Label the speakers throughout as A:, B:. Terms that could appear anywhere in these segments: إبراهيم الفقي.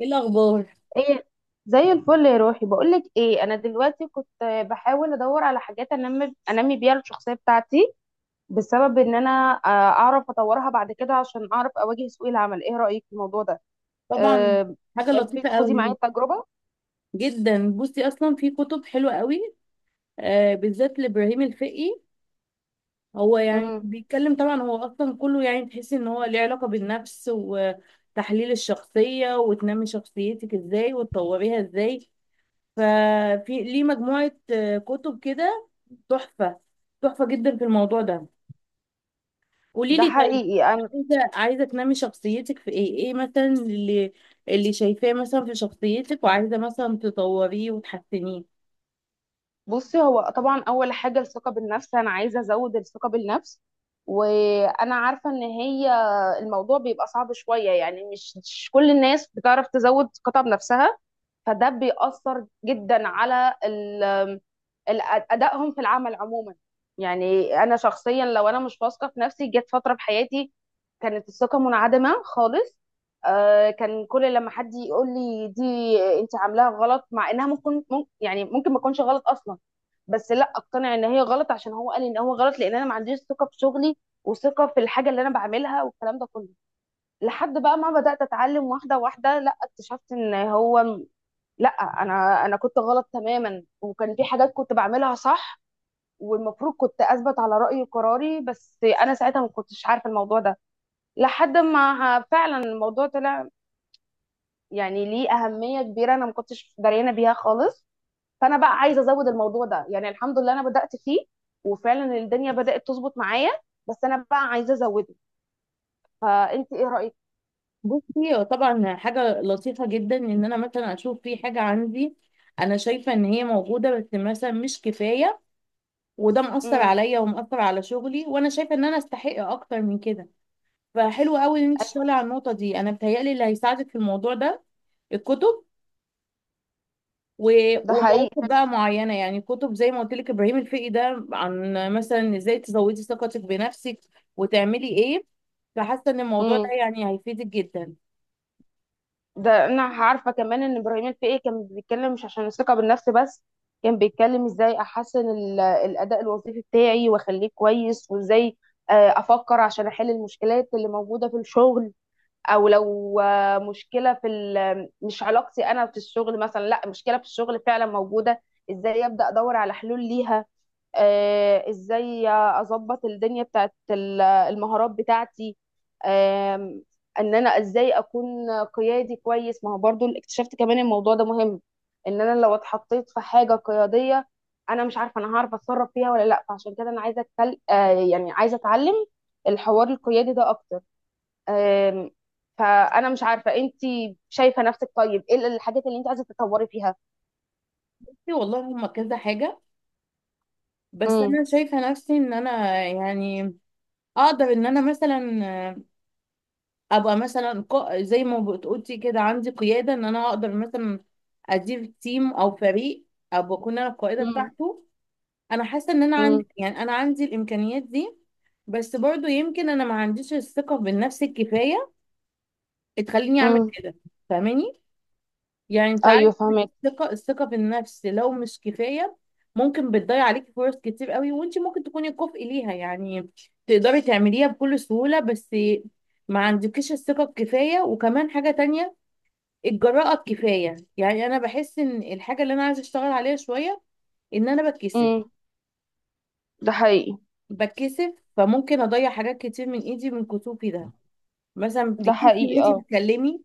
A: ايه الاخبار؟
B: ايه. زي الفل يا روحي، بقولك ايه، انا دلوقتي كنت بحاول ادور على حاجات انمي بيها الشخصيه بتاعتي، بسبب ان انا اعرف اطورها بعد كده عشان اعرف اواجه سوق العمل. ايه رايك في الموضوع ده؟
A: طبعا. حاجه
B: تحبي
A: لطيفه
B: تخدي معايا
A: قوي
B: التجربه؟
A: جدا. بصي، اصلا في كتب حلوه قوي آه، بالذات لابراهيم الفقي. هو
B: امم.
A: بيتكلم طبعا، هو اصلا كله تحسي ان هو ليه علاقه بالنفس وتحليل الشخصيه وتنمي شخصيتك ازاي وتطوريها ازاي. ففي ليه مجموعه كتب كده تحفه، تحفه جدا في الموضوع ده. قولي
B: ده
A: لي، طيب
B: حقيقي انا.
A: انت عايزه تنمي شخصيتك في ايه؟ ايه مثلا اللي شايفاه مثلا في شخصيتك وعايزه مثلا تطوريه وتحسنيه؟
B: بصي، هو طبعا اول حاجه الثقه بالنفس، انا عايزه ازود الثقه بالنفس، وانا عارفه ان هي الموضوع بيبقى صعب شويه. يعني مش كل الناس بتعرف تزود ثقتها بنفسها، فده بيأثر جدا على ال- أدائهم في العمل عموما. يعني أنا شخصيا لو أنا مش واثقة في نفسي، جت فترة في حياتي كانت الثقة منعدمة خالص. كان كل لما حد يقول لي دي، انت عاملاها غلط، مع انها ممكن يعني ممكن ما تكونش غلط اصلا، بس لا اقتنع ان هي غلط عشان هو قال ان هو غلط، لان انا ما عنديش ثقه في شغلي وثقه في الحاجه اللي انا بعملها والكلام ده كله. لحد بقى ما بدات اتعلم واحده واحده، لا اكتشفت ان هو لا، انا كنت غلط تماما، وكان في حاجات كنت بعملها صح، والمفروض كنت اثبت على رايي وقراري. بس انا ساعتها ما كنتش عارفه الموضوع ده، لحد ما فعلا الموضوع طلع يعني ليه اهميه كبيره انا ما كنتش دريانه بيها خالص. فانا بقى عايزه ازود الموضوع ده، يعني الحمد لله انا بدات فيه، وفعلا الدنيا بدات تظبط معايا، بس انا بقى عايزه ازوده. فانت ايه رايك؟
A: بصي، هو طبعا حاجه لطيفه جدا ان انا مثلا اشوف في حاجه عندي، انا شايفه ان هي موجوده بس مثلا مش كفايه وده مأثر
B: امم.
A: عليا ومأثر على شغلي، وانا شايفه ان انا استحق اكتر من كده. فحلو قوي ان انت تشتغلي على النقطه دي. انا بتهيألي اللي هيساعدك في الموضوع ده الكتب و-
B: ده
A: ومواقف
B: حقيقي.
A: بقى معينه، كتب زي ما قلت لك ابراهيم الفقي، ده عن مثلا ازاي تزودي ثقتك بنفسك وتعملي ايه. فحاسه ان الموضوع ده هيفيدك جدا.
B: ده انا عارفه كمان ان ابراهيم الفقي كان بيتكلم مش عشان الثقه بالنفس بس، كان بيتكلم ازاي احسن الاداء الوظيفي بتاعي واخليه كويس، وازاي آه، افكر عشان احل المشكلات اللي موجوده في الشغل. او لو مشكله في مش علاقتي انا في الشغل مثلا، لا مشكله في الشغل فعلا موجوده، ازاي ابدا ادور على حلول ليها. ازاي اظبط الدنيا بتاعت المهارات بتاعتي. آم، ان انا ازاي اكون قيادي كويس. ما هو برضو اكتشفت كمان الموضوع ده مهم. ان انا لو اتحطيت في حاجة قيادية، انا مش عارفة انا هعرف اتصرف فيها ولا لا، فعشان كده انا عايزة أتكل... آه، يعني عايزة اتعلم الحوار القيادي ده اكتر. آم، فانا مش عارفة انت شايفة نفسك طيب ايه الحاجات اللي انت عايزة تتطوري فيها؟
A: بصي والله، هما كذا حاجه بس
B: امم.
A: انا شايفه نفسي ان انا اقدر ان انا مثلا ابقى مثلا زي ما بتقولي كده عندي قياده، ان انا اقدر مثلا ادير تيم او فريق، ابقى اكون انا القائده
B: امم.
A: بتاعته. انا حاسه ان انا عندي، انا عندي الامكانيات دي بس برضو يمكن انا ما عنديش الثقه بالنفس الكفايه تخليني اعمل
B: امم.
A: كده. فاهماني يعني، انت عارف
B: ايوه فهمت.
A: الثقه بالنفس لو مش كفايه ممكن بتضيع عليكي فرص كتير قوي وانت ممكن تكوني كفء ليها، تقدري تعمليها بكل سهوله بس ما عندكيش الثقه الكفايه. وكمان حاجه تانية، الجراءه الكفايه. انا بحس ان الحاجه اللي انا عايزه اشتغل عليها شويه ان انا بتكسف.
B: ده حقيقي.
A: بتكسف فممكن اضيع حاجات كتير من ايدي من كسوفي ده. مثلا
B: ده
A: بتتكسفي ان
B: حقيقي
A: انت
B: اه.
A: تتكلمي،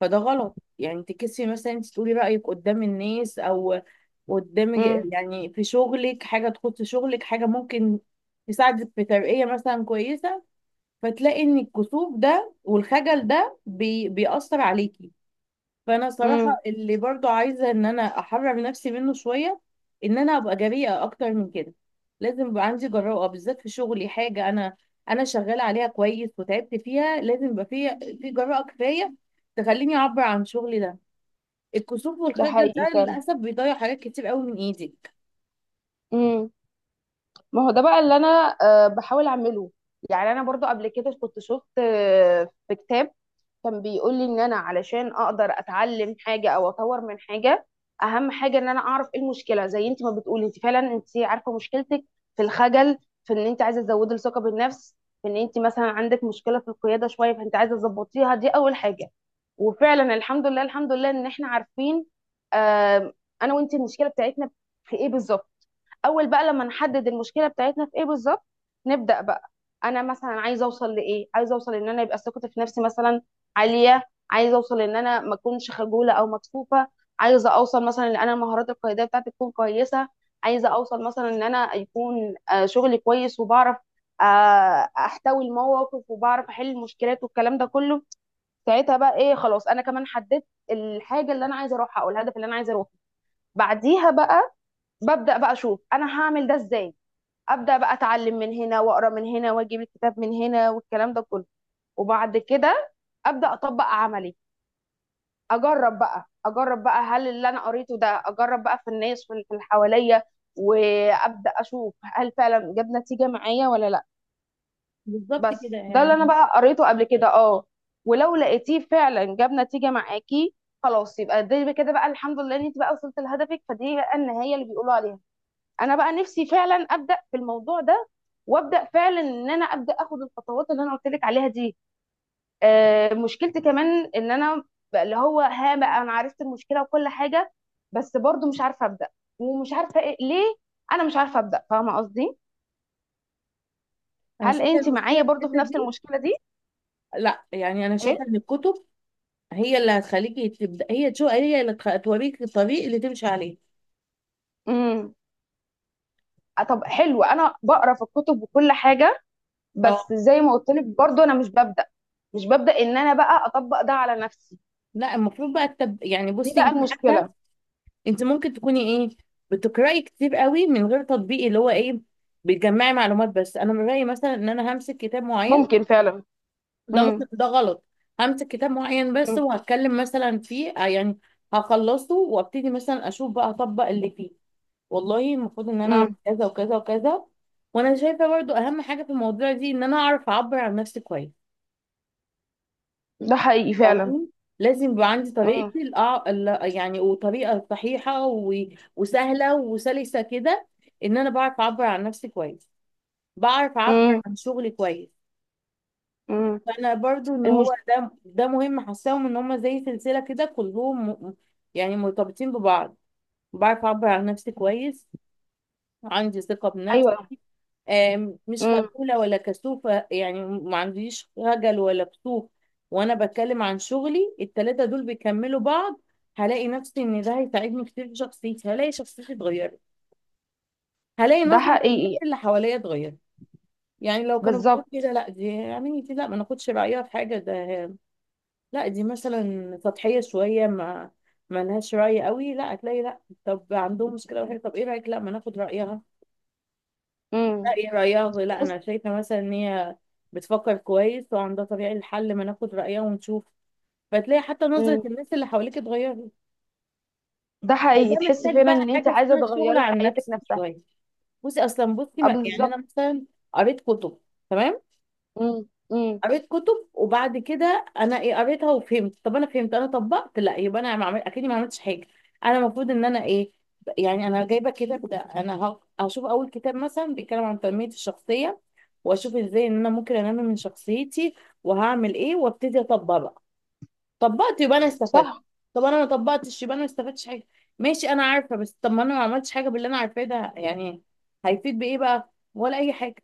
A: فده غلط. تتكسفي مثلا انت تقولي رايك قدام الناس، او قدام
B: امم.
A: في شغلك، حاجه تخص شغلك، حاجه ممكن تساعدك في ترقيه مثلا كويسه، فتلاقي ان الكسوف ده والخجل ده بيأثر عليكي. فانا صراحه
B: امم.
A: اللي برضو عايزه ان انا احرر نفسي منه شويه، ان انا ابقى جريئه اكتر من كده. لازم يبقى عندي جراءه بالذات في شغلي. حاجه انا شغاله عليها كويس وتعبت فيها، لازم يبقى في جراءه كفايه تخليني اعبر عن شغلي ده. الكسوف
B: ده
A: والخجل ده
B: حقيقي فعلا.
A: للاسف بيضيع حاجات كتير قوي من ايدك.
B: امم. ما هو ده بقى اللي انا بحاول اعمله. يعني انا برضو قبل كده كنت شفت في كتاب كان بيقول لي ان انا علشان اقدر اتعلم حاجه او اطور من حاجه، اهم حاجه ان انا اعرف ايه المشكله. زي انت ما بتقولي، انت فعلا انت عارفه مشكلتك في الخجل، في ان انت عايزه تزودي الثقه بالنفس، في ان انت مثلا عندك مشكله في القياده شويه فانت عايزه تظبطيها. دي اول حاجه. وفعلا الحمد لله الحمد لله ان احنا عارفين آم، انا وانت المشكله بتاعتنا في ايه بالظبط. اول بقى لما نحدد المشكله بتاعتنا في ايه بالظبط، نبدا بقى. انا مثلا عايزه اوصل لايه؟ عايزه اوصل ان انا يبقى ثقتي في نفسي مثلا عاليه، عايزه اوصل ان انا ما اكونش خجوله او مكسوفه، عايزه اوصل مثلا ان انا المهارات القياديه بتاعتي تكون كويسه، عايزه اوصل مثلا ان انا يكون شغلي كويس وبعرف آه، احتوي المواقف وبعرف احل المشكلات والكلام ده كله. ساعتها بقى ايه؟ خلاص، انا كمان حددت الحاجه اللي انا عايزه اروحها او الهدف اللي انا عايزه اروحه. بعديها بقى ببدأ بقى اشوف انا هعمل ده ازاي. ابدا بقى اتعلم من هنا، واقرا من هنا، واجيب الكتاب من هنا، والكلام ده كله. وبعد كده ابدا اطبق عملي. اجرب بقى، اجرب بقى هل اللي انا قريته ده، اجرب بقى في الناس في اللي حواليا، وابدا اشوف هل فعلا جاب نتيجه معايا ولا لا.
A: بالظبط
B: بس
A: كده.
B: ده اللي انا بقى قريته قبل كده اه. ولو لقيتيه فعلا جاب نتيجه معاكي، خلاص يبقى دي كده بقى الحمد لله ان انت بقى وصلت لهدفك، فدي بقى النهايه اللي بيقولوا عليها. انا بقى نفسي فعلا ابدا في الموضوع ده، وابدا فعلا ان انا ابدا اخد الخطوات اللي انا قلت لك عليها دي. آه مشكلتي كمان ان انا بقى اللي هو ها بقى انا عرفت المشكله وكل حاجه، بس برضو مش عارفه ابدا، ومش عارفه إيه ليه انا مش عارفه ابدا. فاهمه قصدي؟
A: انا
B: هل
A: شايفه
B: انت
A: المشكله
B: معايا
A: في
B: برضو في
A: الحته
B: نفس
A: دي.
B: المشكله دي؟
A: لا، انا شايفه
B: ايه.
A: ان الكتب هي اللي هتخليكي تبدا، هي اللي توريك الطريق اللي تمشي عليه.
B: امم. طب حلو، انا بقرا في الكتب وكل حاجه،
A: اه،
B: بس زي ما قلت لك برضو انا مش ببدا، مش ببدا ان انا بقى اطبق ده على نفسي.
A: لا المفروض بقى
B: دي
A: بصي
B: بقى
A: انت حتى،
B: المشكله.
A: انت ممكن تكوني ايه؟ بتقراي كتير قوي من غير تطبيق، اللي هو ايه، بتجمعي معلومات بس. انا من رايي مثلا ان انا همسك كتاب معين.
B: ممكن فعلا.
A: ده ممكن ده غلط. همسك كتاب معين بس
B: مم.
A: وهتكلم مثلا فيه هخلصه وابتدي مثلا اشوف بقى اطبق اللي فيه. والله المفروض ان انا
B: مم.
A: اعمل كذا وكذا وكذا. وانا شايفه برضو اهم حاجه في الموضوع دي ان انا اعرف اعبر عن نفسي كويس.
B: ده حقيقي فعلا.
A: فاهماني، لازم يبقى عندي
B: مم.
A: طريقتي وطريقة صحيحة وسهلة وسلسة كده، ان انا بعرف اعبر عن نفسي كويس، بعرف اعبر
B: مم.
A: عن شغلي كويس.
B: مم.
A: فانا برضو ان
B: المش...
A: هو ده، ده مهم. حاساهم ان هم زي سلسلة كده كلهم مرتبطين ببعض. بعرف اعبر عن نفسي كويس، عندي ثقة بنفسي،
B: ايوه.
A: مش
B: مم.
A: خجولة ولا كسوفة، ما عنديش خجل ولا كسوف، وانا بتكلم عن شغلي. التلاتة دول بيكملوا بعض. هلاقي نفسي ان ده هيساعدني كتير في شخصيتي، هلاقي شخصيتي اتغيرت، هلاقي
B: ده
A: نظرة الناس
B: حقيقي.
A: اللي حواليا اتغيرت. لو كانوا
B: بالظبط.
A: بيقولوا كده لا دي، دي لا ما ناخدش رأيها في حاجة ده، لا دي مثلا سطحية شوية، ما لهاش رأي قوي، لا هتلاقي لا، طب عندهم مشكلة وحاجة، طب ايه رأيك؟ لا، ما ناخد رأيها.
B: مم.
A: رأيها لا،
B: بص.
A: أنا شايفة مثلا إن هي بتفكر كويس وعندها طريقة للحل، ما ناخد رأيها ونشوف. فتلاقي حتى نظرة
B: مم.
A: الناس اللي حواليك اتغيرت.
B: ده
A: فده
B: حقيقي، تحس
A: محتاج
B: فعلا
A: بقى
B: ان انت
A: حاجة
B: عايزه
A: اسمها الشغل
B: تغيري
A: على
B: حياتك
A: النفس
B: نفسها.
A: شوية. بصي أصلا، بصي
B: آه، بالظبط.
A: أنا مثلا قريت كتب، تمام،
B: مم. مم.
A: قريت كتب، وبعد كده انا ايه، قريتها وفهمت. طب انا فهمت، انا طبقت؟ لا، يبقى انا ما عمل... اكيد ما عملتش حاجه. انا المفروض ان انا ايه؟ انا جايبه كده انا هشوف اول كتاب مثلا بيتكلم عن تنميه الشخصيه، واشوف ازاي ان انا ممكن انمي من شخصيتي وهعمل ايه، وابتدي اطبق بقى. طبقت يبقى انا استفدت.
B: صح.
A: طب انا ما طبقتش يبقى انا ما استفدتش حاجه. ماشي انا عارفه بس طب ما انا ما عملتش حاجه باللي انا عارفاه ده، هيفيد بايه بقى، ولا اي حاجه؟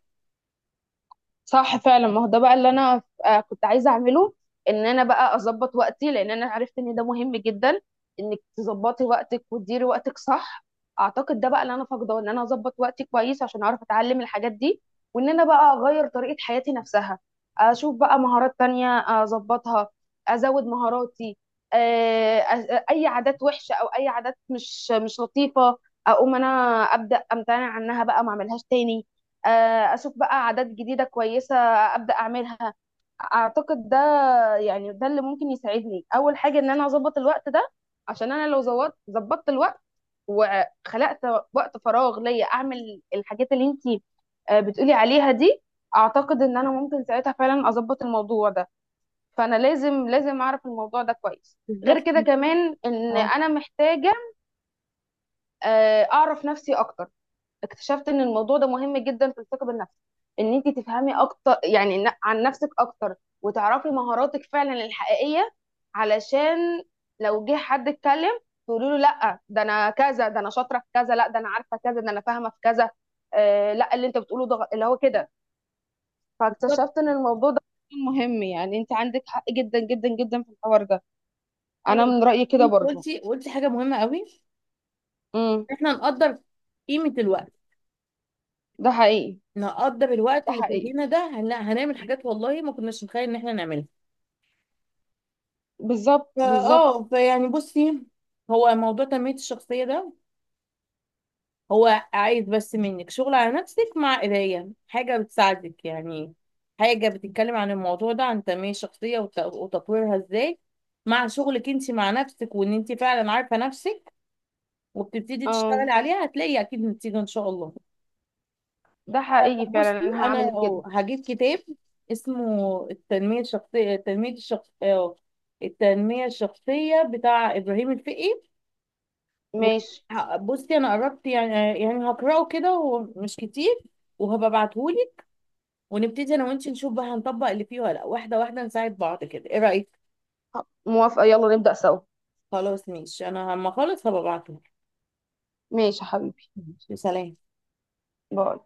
B: صح فعلا، ما هو ده بقى اللي انا كنت عايزه اعمله، ان انا بقى اظبط وقتي، لان انا عرفت ان ده مهم جدا انك تظبطي وقتك وتديري وقتك صح. اعتقد ده بقى اللي انا فاقده، ان انا اظبط وقتي كويس عشان اعرف اتعلم الحاجات دي وان انا بقى اغير طريقه حياتي نفسها. اشوف بقى مهارات تانية، اظبطها، ازود مهاراتي. اي عادات وحشه او اي عادات مش لطيفه، اقوم انا ابدا امتنع عنها بقى ما اعملهاش تاني. اشوف بقى عادات جديده كويسه ابدا اعملها. اعتقد ده، يعني ده اللي ممكن يساعدني، اول حاجه ان انا اظبط الوقت ده. عشان انا لو ظبطت الوقت وخلقت وقت فراغ ليا اعمل الحاجات اللي انتي بتقولي عليها دي، اعتقد ان انا ممكن ساعتها فعلا اظبط الموضوع ده. فانا لازم اعرف الموضوع ده كويس. غير
A: بالظبط.
B: كده كمان ان
A: اه،
B: انا محتاجه اعرف نفسي اكتر. اكتشفت ان الموضوع ده مهم جدا في الثقه بالنفس، ان انت تفهمي اكتر يعني عن نفسك اكتر، وتعرفي مهاراتك فعلا الحقيقيه، علشان لو جه حد اتكلم تقولي له لا ده انا كذا، ده انا شاطره في كذا، لا ده انا عارفه كذا، ده انا فاهمه في كذا. آه لا اللي انت بتقوله ده اللي هو كده. فاكتشفت ان الموضوع ده مهم. يعني انت عندك حق جدا جدا جدا في الحوار ده. انا
A: ايوه.
B: من رايي كده
A: انت
B: برضو.
A: قلتي حاجه مهمه قوي.
B: امم.
A: احنا نقدر قيمه الوقت،
B: ده حقيقي.
A: نقدر الوقت
B: ده
A: اللي في
B: حقيقي.
A: ايدينا ده هنعمل حاجات والله ما كناش نتخيل ان احنا نعملها.
B: بالظبط
A: فا
B: بالظبط.
A: اه فيعني بصي، هو موضوع تنميه الشخصيه ده، هو عايز بس منك شغل على نفسك مع قرايه حاجه بتساعدك، حاجه بتتكلم عن الموضوع ده، عن تنميه الشخصيه وتطويرها ازاي، مع شغلك انت مع نفسك، وان انت فعلا عارفه نفسك وبتبتدي تشتغلي
B: اه
A: عليها، هتلاقي اكيد نتيجه ان شاء الله.
B: ده حقيقي
A: بصي
B: فعلا، انا
A: انا
B: هعمل كده.
A: هجيب كتاب اسمه التنميه الشخصيه، التنميه الشخصيه بتاع ابراهيم الفقي، و-
B: ماشي.
A: بصي انا قربت، يعني هقراه كده ومش كتير، وهبقى ابعتهولك، ونبتدي انا وانتي نشوف بقى هنطبق اللي فيه ولا لا، واحده واحده نساعد بعض كده. ايه رايك؟
B: موافقة، يلا نبدأ سوا.
A: خلاص ماشي، انا لما اخلص هبقى ابعتهولك.
B: ماشي يا حبيبي.
A: ماشي، سلام.
B: باي.